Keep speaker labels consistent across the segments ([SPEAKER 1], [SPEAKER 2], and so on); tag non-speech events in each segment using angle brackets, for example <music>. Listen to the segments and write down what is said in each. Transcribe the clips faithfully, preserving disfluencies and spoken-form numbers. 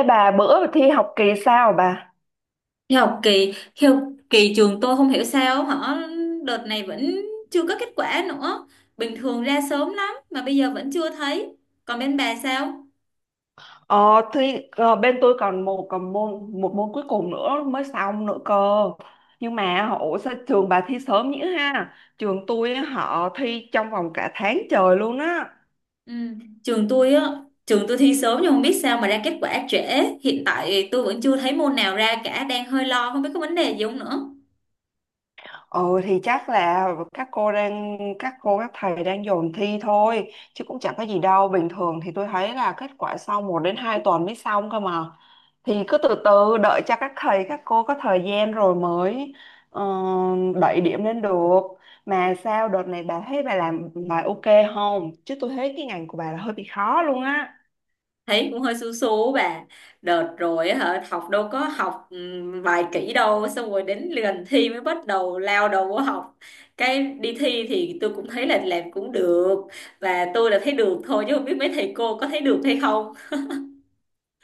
[SPEAKER 1] Ê bà bữa thi học kỳ sao bà?
[SPEAKER 2] Thì học kỳ khi học kỳ trường tôi không hiểu sao họ đợt này vẫn chưa có kết quả nữa, bình thường ra sớm lắm mà bây giờ vẫn chưa thấy. Còn bên bà sao?
[SPEAKER 1] Ờ, thì ờ, bên tôi còn một còn môn một môn cuối cùng nữa mới xong nữa cơ. Nhưng mà họ- ủa sao trường bà thi sớm nhỉ ha? Trường tôi họ thi trong vòng cả tháng trời luôn á.
[SPEAKER 2] Ừ. trường tôi á Trường tôi thi sớm nhưng không biết sao mà ra kết quả trễ, hiện tại tôi vẫn chưa thấy môn nào ra cả, đang hơi lo không biết có vấn đề gì không nữa.
[SPEAKER 1] Ừ thì chắc là các cô đang các cô các thầy đang dồn thi thôi, chứ cũng chẳng có gì đâu. Bình thường thì tôi thấy là kết quả sau một đến hai tuần mới xong cơ mà, thì cứ từ từ đợi cho các thầy các cô có thời gian rồi mới ờ, đẩy điểm lên được. Mà sao đợt này bà thấy bà làm bài ok không? Chứ tôi thấy cái ngành của bà là hơi bị khó luôn á.
[SPEAKER 2] Thấy cũng hơi xú xú bà, đợt rồi á hả học đâu có học ừm, vài kỹ đâu, xong rồi đến gần thi mới bắt đầu lao đầu vô học. Cái đi thi thì tôi cũng thấy là làm cũng được, và tôi là thấy được thôi chứ không biết mấy thầy cô có thấy được hay không.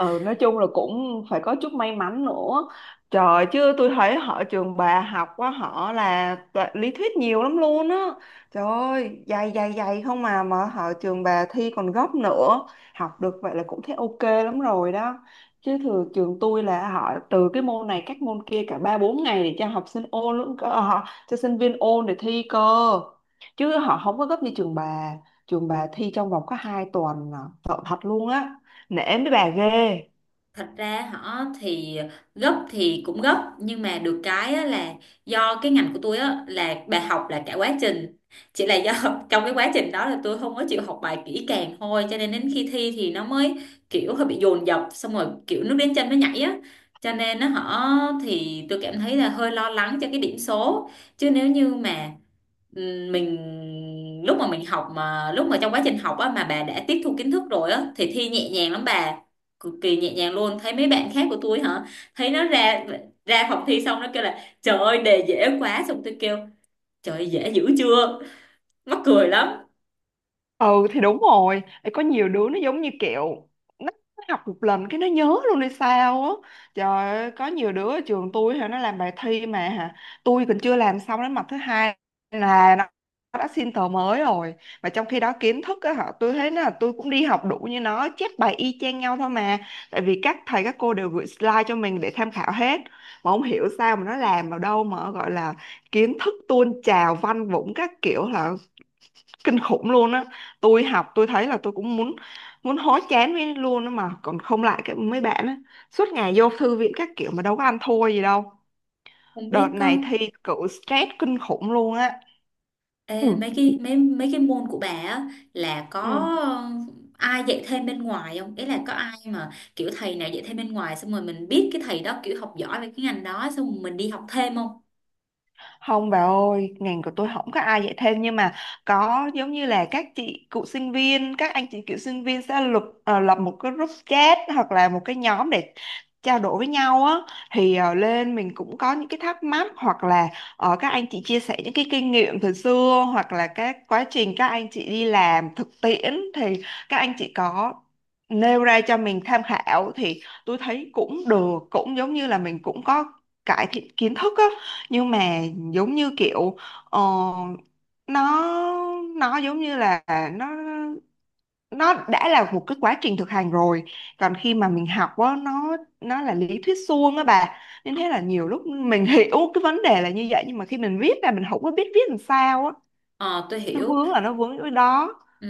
[SPEAKER 1] Ừ, nói chung là cũng phải có chút may mắn nữa trời, chứ tôi thấy họ trường bà học quá, họ là tọ- lý thuyết nhiều lắm luôn á. Trời ơi dày dày dày không, mà mà họ trường bà thi còn gấp nữa. Học được vậy là cũng thấy ok lắm rồi đó, chứ thường trường tôi là họ từ cái môn này các môn kia cả ba bốn ngày để cho học sinh ôn luôn cơ, họ cho sinh viên ôn để thi cơ, chứ họ không có gấp như trường bà. Trường bà thi trong vòng có hai tuần à. Sợ thật luôn á, nể mấy bà ghê.
[SPEAKER 2] Thật ra họ thì gấp thì cũng gấp, nhưng mà được cái á là do cái ngành của tôi á là bài học là cả quá trình, chỉ là do <laughs> trong cái quá trình đó là tôi không có chịu học bài kỹ càng thôi, cho nên đến khi thi thì nó mới kiểu hơi bị dồn dập, xong rồi kiểu nước đến chân nó nhảy á, cho nên nó họ thì tôi cảm thấy là hơi lo lắng cho cái điểm số. Chứ nếu như mà ừm, mình lúc mà mình học, mà lúc mà trong quá trình học á mà bà đã tiếp thu kiến thức rồi á thì thi nhẹ nhàng lắm bà, cực kỳ nhẹ nhàng luôn. Thấy mấy bạn khác của tôi hả, thấy nó ra ra phòng thi xong nó kêu là trời ơi đề dễ quá, xong tôi kêu trời ơi, dễ dữ chưa, mắc cười lắm.
[SPEAKER 1] Ừ thì đúng rồi. Ê, có nhiều đứa nó giống như kiểu nó nó học một lần cái nó nhớ luôn hay sao á. Trời ơi có nhiều đứa ở trường tôi hả, nó làm bài thi mà hả, tôi còn chưa làm xong đến mặt thứ hai là nó nó đã xin tờ mới rồi. Mà trong khi đó kiến thức á hả, tôi thấy là tôi cũng đi học đủ như nó, chép bài y chang nhau thôi mà, tại vì các thầy các cô đều gửi slide cho mình để tham khảo hết. Mà không hiểu sao mà nó làm vào đâu mà gọi là kiến thức tuôn trào văn vũng các kiểu là kinh khủng luôn á. Tôi học tôi thấy là tôi cũng muốn muốn hối chán với luôn á, mà còn không lại cái mấy bạn á, suốt ngày vô thư viện các kiểu mà đâu có ăn thua gì đâu.
[SPEAKER 2] Không
[SPEAKER 1] Đợt
[SPEAKER 2] biết có.
[SPEAKER 1] này thi cử stress kinh khủng luôn á. Ừ.
[SPEAKER 2] Ê, mấy cái mấy mấy cái môn của bà á là có
[SPEAKER 1] Ừ.
[SPEAKER 2] ai dạy thêm bên ngoài không, ý là có ai mà kiểu thầy nào dạy thêm bên ngoài xong rồi mình biết cái thầy đó kiểu học giỏi về cái ngành đó xong rồi mình đi học thêm không?
[SPEAKER 1] Không bà ơi, ngành của tôi không có ai dạy thêm, nhưng mà có giống như là các chị cựu sinh viên, các anh chị cựu sinh viên sẽ lập ờ, lập một cái group chat hoặc là một cái nhóm để trao đổi với nhau á. Thì ờ, lên mình cũng có những cái thắc mắc, hoặc là ờ, các anh chị chia sẻ những cái kinh nghiệm từ xưa, hoặc là các quá trình các anh chị đi làm thực tiễn thì các anh chị có nêu ra cho mình tham khảo, thì tôi thấy cũng được, cũng giống như là mình cũng có cải thiện kiến thức á. Nhưng mà giống như kiểu ờ, nó nó giống như là nó nó đã là một cái quá trình thực hành rồi, còn khi mà mình học á nó nó là lý thuyết suông á bà. Nên thế là nhiều lúc mình <laughs> hiểu cái vấn đề là như vậy, nhưng mà khi mình viết ra mình không có biết viết làm sao á.
[SPEAKER 2] Ờ tôi
[SPEAKER 1] Nó
[SPEAKER 2] hiểu.
[SPEAKER 1] vướng là nó vướng ở đó.
[SPEAKER 2] Ừ.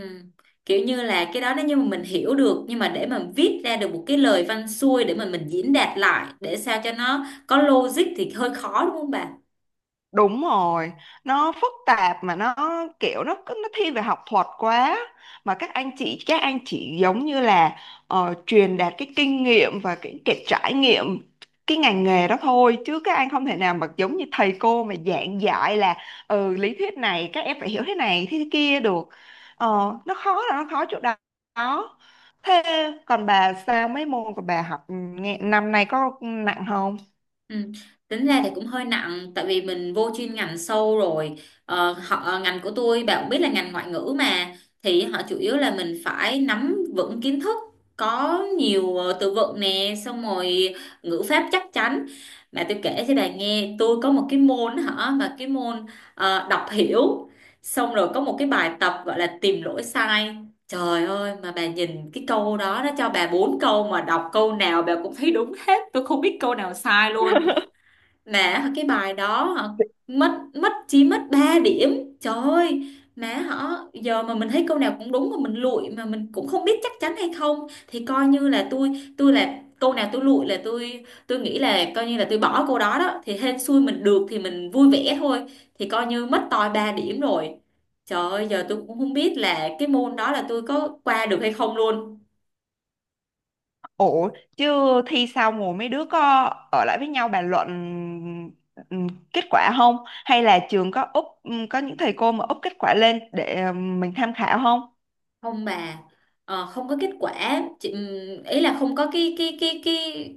[SPEAKER 2] Kiểu như là cái đó nếu như mà mình hiểu được nhưng mà để mà viết ra được một cái lời văn xuôi để mà mình diễn đạt lại để sao cho nó có logic thì hơi khó đúng không bà?
[SPEAKER 1] Đúng rồi, nó phức tạp mà nó kiểu nó cứ- nó thiên về học thuật quá, mà các anh chị các anh chị giống như là ờ, truyền đạt cái kinh nghiệm và cái, cái trải nghiệm cái ngành nghề đó thôi, chứ các anh không thể nào mà giống như thầy cô mà giảng dạy là ừ lý thuyết này các em phải hiểu thế này thế kia được. Ờ, nó khó là nó khó chỗ đó. Thế còn bà sao, mấy môn của bà học ừ, nghe, năm nay có nặng không?
[SPEAKER 2] Ừ. Tính ra thì cũng hơi nặng tại vì mình vô chuyên ngành sâu rồi. Ờ, họ ờ, ngành của tôi bạn cũng biết là ngành ngoại ngữ mà, thì họ chủ yếu là mình phải nắm vững kiến thức, có nhiều ờ, từ vựng nè, xong rồi ngữ pháp chắc chắn. Mà tôi kể cho bà nghe tôi có một cái môn hả, mà cái môn ờ, đọc hiểu, xong rồi có một cái bài tập gọi là tìm lỗi sai, trời ơi mà bà nhìn cái câu đó nó cho bà bốn câu mà đọc câu nào bà cũng thấy đúng hết, tôi không biết câu nào sai luôn.
[SPEAKER 1] <laughs>
[SPEAKER 2] Mà cái bài đó hả, mất mất chỉ mất ba điểm. Trời ơi, má họ giờ mà mình thấy câu nào cũng đúng mà mình lụi mà mình cũng không biết chắc chắn hay không thì coi như là tôi tôi là câu nào tôi lụi là tôi tôi nghĩ là coi như là tôi bỏ câu đó đó, thì hên xui mình được thì mình vui vẻ thôi, thì coi như mất toi ba điểm rồi. Trời ơi, giờ tôi cũng không biết là cái môn đó là tôi có qua được hay không luôn.
[SPEAKER 1] Ủa, chứ thi xong rồi mấy đứa có ở lại với nhau bàn luận ừm, kết quả không? Hay là trường có úp ừm, có những thầy cô mà úp kết quả lên để ừm, mình tham khảo không?
[SPEAKER 2] Không bà, ờ, không có kết quả chị, ừm, ý là không có cái cái cái cái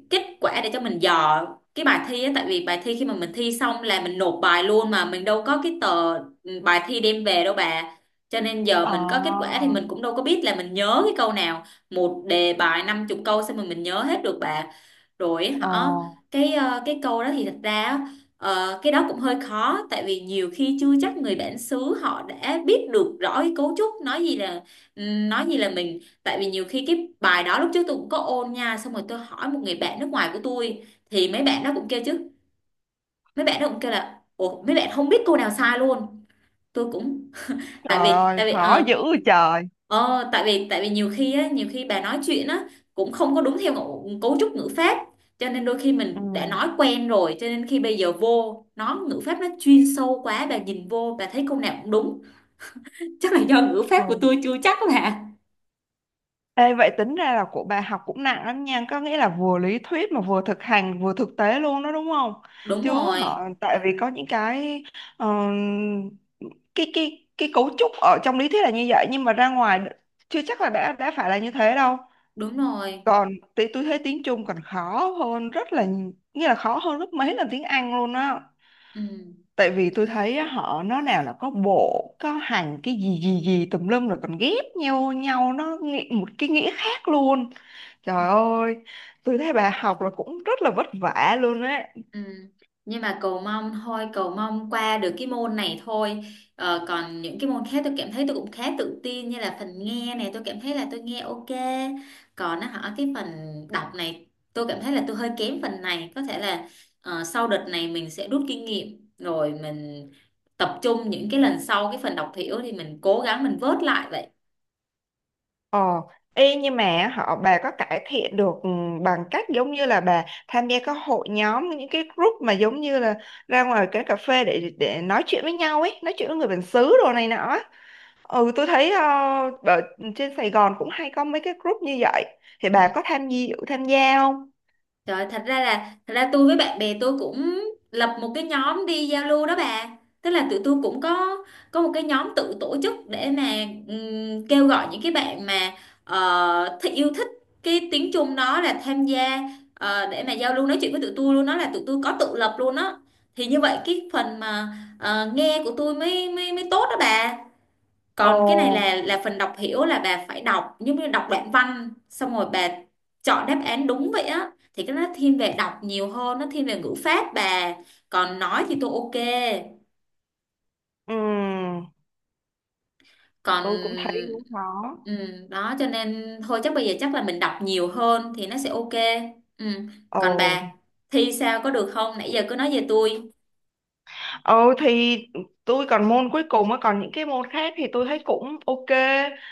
[SPEAKER 2] kết quả để cho mình dò cái bài thi á, tại vì bài thi khi mà mình thi xong là mình nộp bài luôn mà mình đâu có cái tờ ừm, bài thi đem về đâu bà, cho nên giờ
[SPEAKER 1] Ờ,
[SPEAKER 2] mình có kết quả thì mình cũng đâu có biết là mình nhớ cái câu nào. Một đề bài năm chục câu sao mà mình nhớ hết được bà. Rồi
[SPEAKER 1] ờ,
[SPEAKER 2] họ cái ờ, cái câu đó thì thật ra á, ờ, cái đó cũng hơi khó, tại vì nhiều khi chưa chắc người bản xứ họ đã biết được rõ cái cấu trúc, nói gì là ừm, nói gì là mình, tại vì nhiều khi cái bài đó lúc trước tôi cũng có ôn nha, xong rồi tôi hỏi một người bạn nước ngoài của tôi thì mấy bạn đó cũng kêu chứ, mấy bạn đó cũng kêu là ủa mấy bạn không biết câu nào sai luôn, tôi cũng tại
[SPEAKER 1] trời
[SPEAKER 2] vì
[SPEAKER 1] ơi,
[SPEAKER 2] tại vì
[SPEAKER 1] khó
[SPEAKER 2] ờ,
[SPEAKER 1] dữ vậy trời.
[SPEAKER 2] Ờ, tại vì tại vì nhiều khi á, nhiều khi bà nói chuyện á cũng không có đúng theo ngộ- cấu trúc ngữ pháp, cho nên đôi khi
[SPEAKER 1] Ừ.
[SPEAKER 2] mình đã nói quen rồi, cho nên khi bây giờ vô nó ngữ pháp nó chuyên sâu quá bà nhìn vô bà thấy câu nào cũng đúng. Chắc là do ngữ pháp của
[SPEAKER 1] Ừ.
[SPEAKER 2] tôi chưa chắc bà.
[SPEAKER 1] Ê, vậy tính ra là của bà học cũng nặng lắm nha, có nghĩa là vừa lý thuyết mà vừa thực hành, vừa thực tế luôn đó đúng không?
[SPEAKER 2] Đúng
[SPEAKER 1] Chứ họ
[SPEAKER 2] rồi,
[SPEAKER 1] tại vì có những cái ờ, cái cái cái cấu trúc ở trong lý thuyết là như vậy, nhưng mà ra ngoài chưa chắc là đã đã phải là như thế đâu.
[SPEAKER 2] đúng rồi.
[SPEAKER 1] Còn tí tôi thấy tiếng Trung còn khó hơn rất là nhi- nghĩa là khó hơn rất mấy lần tiếng Anh luôn á.
[SPEAKER 2] Ừ.
[SPEAKER 1] Tại vì tôi thấy á, họ nó nào là có bộ, có hành cái gì gì gì tùm lum, rồi còn ghép nhau nhau nó nghĩ- một cái nghĩa khác luôn. Trời ơi, tôi thấy bà học là cũng rất là vất vả luôn á.
[SPEAKER 2] Ừ. Nhưng mà cầu mong thôi, cầu mong qua được cái môn này thôi, ờ, còn những cái môn khác tôi cảm thấy tôi cũng khá tự tin, như là phần nghe này tôi cảm thấy là tôi nghe ok, còn nó hỏi cái phần đọc này tôi cảm thấy là tôi hơi kém phần này, có thể là ờ, sau đợt này mình sẽ rút kinh nghiệm rồi mình tập trung những cái lần sau, cái phần đọc hiểu thì mình cố gắng mình vớt lại vậy.
[SPEAKER 1] Ờ, y nhưng mà họ bà có cải thiện được ừ, bằng cách giống như là bà tham gia các hội nhóm, những cái group mà giống như là ra ngoài cái cà phê để để nói chuyện với nhau ấy, nói chuyện với người bản xứ đồ này nọ á. Ừ, tôi thấy ờ, ở trên Sài Gòn cũng hay có mấy cái group như vậy. Thì bà có
[SPEAKER 2] Ừ.
[SPEAKER 1] tham gia tham gia không?
[SPEAKER 2] Trời, thật ra là thật ra tôi với bạn bè tôi cũng lập một cái nhóm đi giao lưu đó bà. Tức là tụi tôi cũng có có một cái nhóm tự tổ chức để mà ừm, kêu gọi những cái bạn mà ờ, thích yêu thích cái tiếng Trung đó là tham gia, ờ, để mà giao lưu nói chuyện với tụi tôi luôn đó, là tụi tôi có tự lập luôn đó. Thì như vậy cái phần mà ờ, nghe của tôi mới mới mới tốt đó bà,
[SPEAKER 1] Ồ,
[SPEAKER 2] còn cái này là là phần đọc hiểu là bà phải đọc giống như đọc đoạn văn xong rồi bà chọn đáp án đúng vậy á, thì cái đó nó thiên về đọc nhiều hơn, nó thiên về ngữ pháp bà. Còn nói thì tôi ok.
[SPEAKER 1] ừ,
[SPEAKER 2] Còn
[SPEAKER 1] tôi cũng thấy cũng khó.
[SPEAKER 2] ừ, đó cho nên thôi, chắc bây giờ chắc là mình đọc nhiều hơn thì nó sẽ ok. Ừ. Còn
[SPEAKER 1] Ồ.
[SPEAKER 2] bà thi sao có được không, nãy giờ cứ nói về tôi.
[SPEAKER 1] Ừ thì tôi còn môn cuối cùng á, còn những cái môn khác thì tôi thấy cũng ok.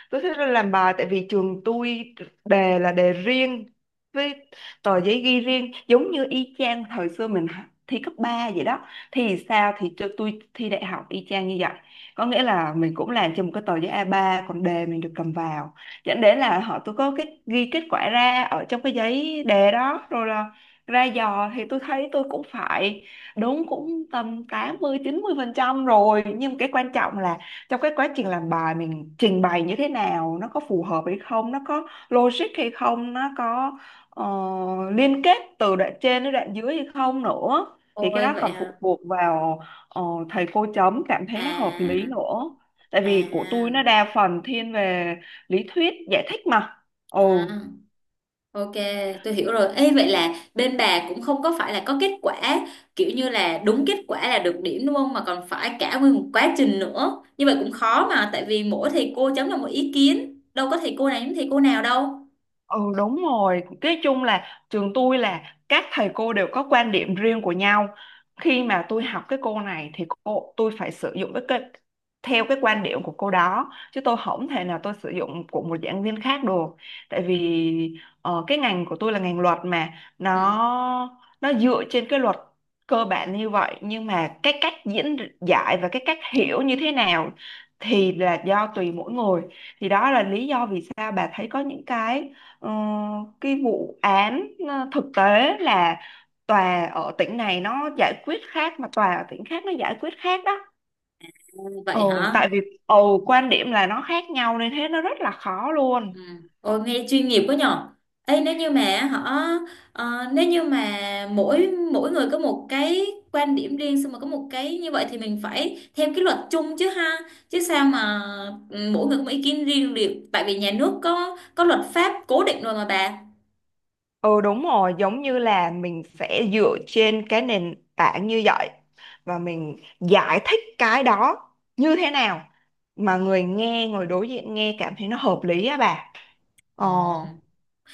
[SPEAKER 1] Tôi thích làm bài tại vì trường tôi đề là đề riêng với tờ giấy ghi riêng, giống như y chang thời xưa mình h- thi cấp ba vậy đó, thì sao thì cho tôi thi đại học y chang như vậy, có nghĩa là mình cũng làm trên một cái tờ giấy a ba, còn đề mình được cầm vào, dẫn đến là họ tôi có cái ghi kết quả ra ở trong cái giấy đề đó rồi là ra dò, thì tôi thấy tôi cũng phải đúng cũng tầm tám mươi chín mươi phần trăm rồi. Nhưng cái quan trọng là trong cái quá trình làm bài mình trình bày như thế nào, nó có phù hợp hay không, nó có logic hay không, nó có ờ, liên kết từ đoạn trên đến đoạn dưới hay không nữa. Thì cái
[SPEAKER 2] Ôi
[SPEAKER 1] đó
[SPEAKER 2] vậy
[SPEAKER 1] còn phụ
[SPEAKER 2] hả.
[SPEAKER 1] thuộc vào ờ, thầy cô chấm cảm thấy nó hợp lý
[SPEAKER 2] À.
[SPEAKER 1] nữa, tại
[SPEAKER 2] À.
[SPEAKER 1] vì của tôi nó đa phần thiên về lý thuyết giải thích mà. Ừ.
[SPEAKER 2] À. Ok, tôi hiểu rồi. Ê, vậy là bên bà cũng không có phải là có kết quả kiểu như là đúng kết quả là được điểm đúng không? Mà còn phải cả nguyên một quá trình nữa. Như vậy cũng khó mà, tại vì mỗi thầy cô chấm là một ý kiến. Đâu có thầy cô này giống thầy cô nào đâu.
[SPEAKER 1] Ừ đúng rồi, cái chung là trường tôi là các thầy cô đều có quan điểm riêng của nhau. Khi mà tôi học cái cô này thì cô tôi phải sử dụng cái, cái theo cái quan điểm của cô đó, chứ tôi không thể nào tôi sử dụng của một giảng viên khác được. Tại vì ờ, cái ngành của tôi là ngành luật mà,
[SPEAKER 2] Ừ,
[SPEAKER 1] nó nó dựa trên cái luật cơ bản như vậy, nhưng mà cái cách diễn giải và cái cách hiểu như thế nào thì là do tùy mỗi người. Thì đó là lý do vì sao bà thấy có những cái Ờ, cái vụ án ờ, thực tế là tòa ở tỉnh này nó giải quyết khác mà tòa ở tỉnh khác nó giải quyết khác đó. Ừ,
[SPEAKER 2] vậy hả?
[SPEAKER 1] tại vì ừ, quan điểm là nó khác nhau nên thế nó rất là khó luôn.
[SPEAKER 2] Ừ. Ôi, nghe chuyên nghiệp quá nhở. Ấy nếu như mà họ ờ, nếu như mà mỗi mỗi người có một cái quan điểm riêng, xong mà có một cái như vậy thì mình phải theo cái luật chung chứ ha, chứ sao mà ừ, mỗi người có một ý kiến riêng được, tại vì nhà nước có có luật pháp cố định rồi mà bà.
[SPEAKER 1] Ừ đúng rồi, giống như là mình sẽ dựa trên cái nền tảng như vậy và mình giải thích cái đó như thế nào mà người nghe, người đối diện nghe cảm thấy nó hợp lý á bà.
[SPEAKER 2] Ờ,
[SPEAKER 1] Ờ.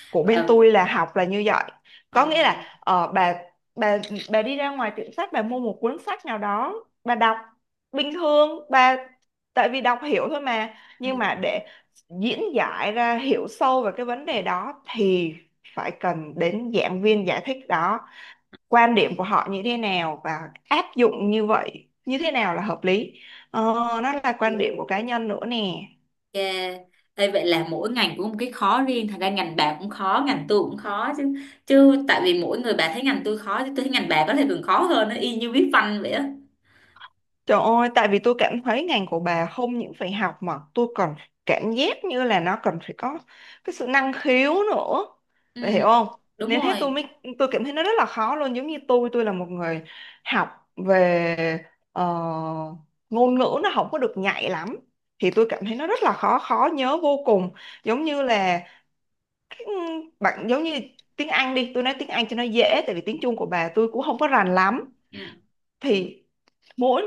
[SPEAKER 1] Của bên
[SPEAKER 2] và
[SPEAKER 1] tôi là học là như vậy,
[SPEAKER 2] ừ,
[SPEAKER 1] có nghĩa là ờ, bà bà bà đi ra ngoài tiệm sách bà mua một cuốn sách nào đó, bà đọc bình thường bà, tại vì đọc hiểu thôi mà, nhưng
[SPEAKER 2] ừ,
[SPEAKER 1] mà để diễn giải ra hiểu sâu về cái vấn đề đó thì phải cần đến giảng viên giải thích đó, quan điểm của họ như thế nào và áp dụng như vậy như thế nào là hợp lý, ờ, nó là quan điểm của cá nhân nữa nè.
[SPEAKER 2] ok. Ê, vậy là mỗi ngành cũng có một cái khó riêng, thật ra ngành bà cũng khó ngành tôi cũng khó chứ, chứ tại vì mỗi người bà thấy ngành tôi khó chứ tôi thấy ngành bà có thể còn khó hơn, nó y như viết văn vậy á.
[SPEAKER 1] Trời ơi, tại vì tôi cảm thấy ngành của bà không những phải học mà tôi còn cảm giác như là nó cần phải có cái sự năng khiếu nữa.
[SPEAKER 2] Ừ,
[SPEAKER 1] Bà hiểu không?
[SPEAKER 2] đúng
[SPEAKER 1] Nên hết tôi
[SPEAKER 2] rồi.
[SPEAKER 1] mới tôi cảm thấy nó rất là khó luôn, giống như tôi tôi là một người học về ờ, ngôn ngữ nó không có được nhạy lắm. Thì tôi cảm thấy nó rất là khó, khó nhớ vô cùng, giống như là cái, ừ, bạn giống như tiếng Anh đi, tôi nói tiếng Anh cho nó dễ tại vì tiếng Trung của bà tôi cũng không có rành lắm.
[SPEAKER 2] Ừ.
[SPEAKER 1] Thì mỗi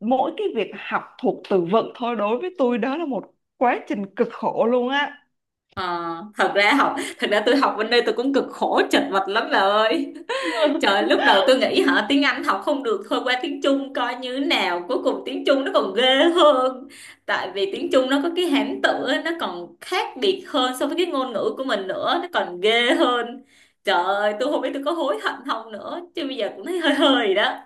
[SPEAKER 1] mỗi cái việc học thuộc từ vựng thôi đối với tôi đó là một quá trình cực khổ luôn á.
[SPEAKER 2] Ờ, thật ra học, thật ra tôi học bên đây tôi cũng cực khổ chật vật lắm bà ơi. <laughs>
[SPEAKER 1] <laughs>
[SPEAKER 2] Trời, lúc đầu tôi nghĩ hả tiếng Anh học không được thôi qua tiếng Trung coi như thế nào. Cuối cùng tiếng Trung nó còn ghê hơn. Tại vì tiếng Trung nó có cái hán tự á, nó còn khác biệt hơn so với cái ngôn ngữ của mình nữa, nó còn ghê hơn. Trời ơi, tôi không biết tôi có hối hận không nữa, chứ bây giờ cũng thấy hơi hơi đó.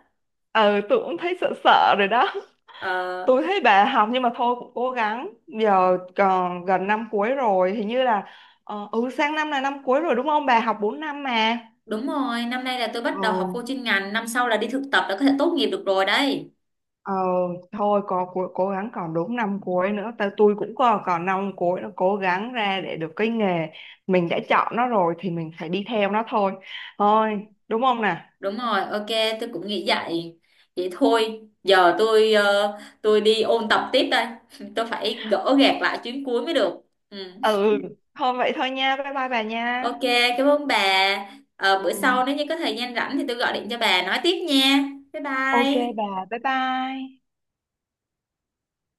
[SPEAKER 1] Ừ tôi cũng thấy sợ sợ rồi đó.
[SPEAKER 2] Ờ,
[SPEAKER 1] Tôi thấy bà học nhưng mà thôi cũng cố gắng, giờ còn gần năm cuối rồi hình như là ờ, ừ sang năm là năm cuối rồi đúng không, bà học bốn năm mà.
[SPEAKER 2] đúng rồi, năm nay là tôi
[SPEAKER 1] Ờ,
[SPEAKER 2] bắt đầu học vô chuyên ngành, năm sau là đi thực tập là có thể tốt nghiệp được rồi đấy.
[SPEAKER 1] ờ, thôi có cố, cố gắng, còn đúng năm cuối nữa ta tôi cũng còn còn năm cuối nữa, cố gắng ra để được cái nghề mình đã chọn nó rồi thì mình phải đi theo nó thôi thôi đúng không nè.
[SPEAKER 2] Đúng rồi, ok, tôi cũng nghĩ vậy. Vậy thôi, giờ tôi ờ, tôi đi ôn tập tiếp đây. <laughs> Tôi phải gỡ gạc lại chuyến cuối mới được. Ừ.
[SPEAKER 1] Ừ thôi vậy thôi nha, bye bye bà nha.
[SPEAKER 2] Ok, cảm ơn bà. Ờ,
[SPEAKER 1] Ừ.
[SPEAKER 2] bữa sau nếu như có thời gian rảnh thì tôi gọi điện cho bà nói tiếp nha. Bye
[SPEAKER 1] Ok
[SPEAKER 2] bye.
[SPEAKER 1] bà bye bye.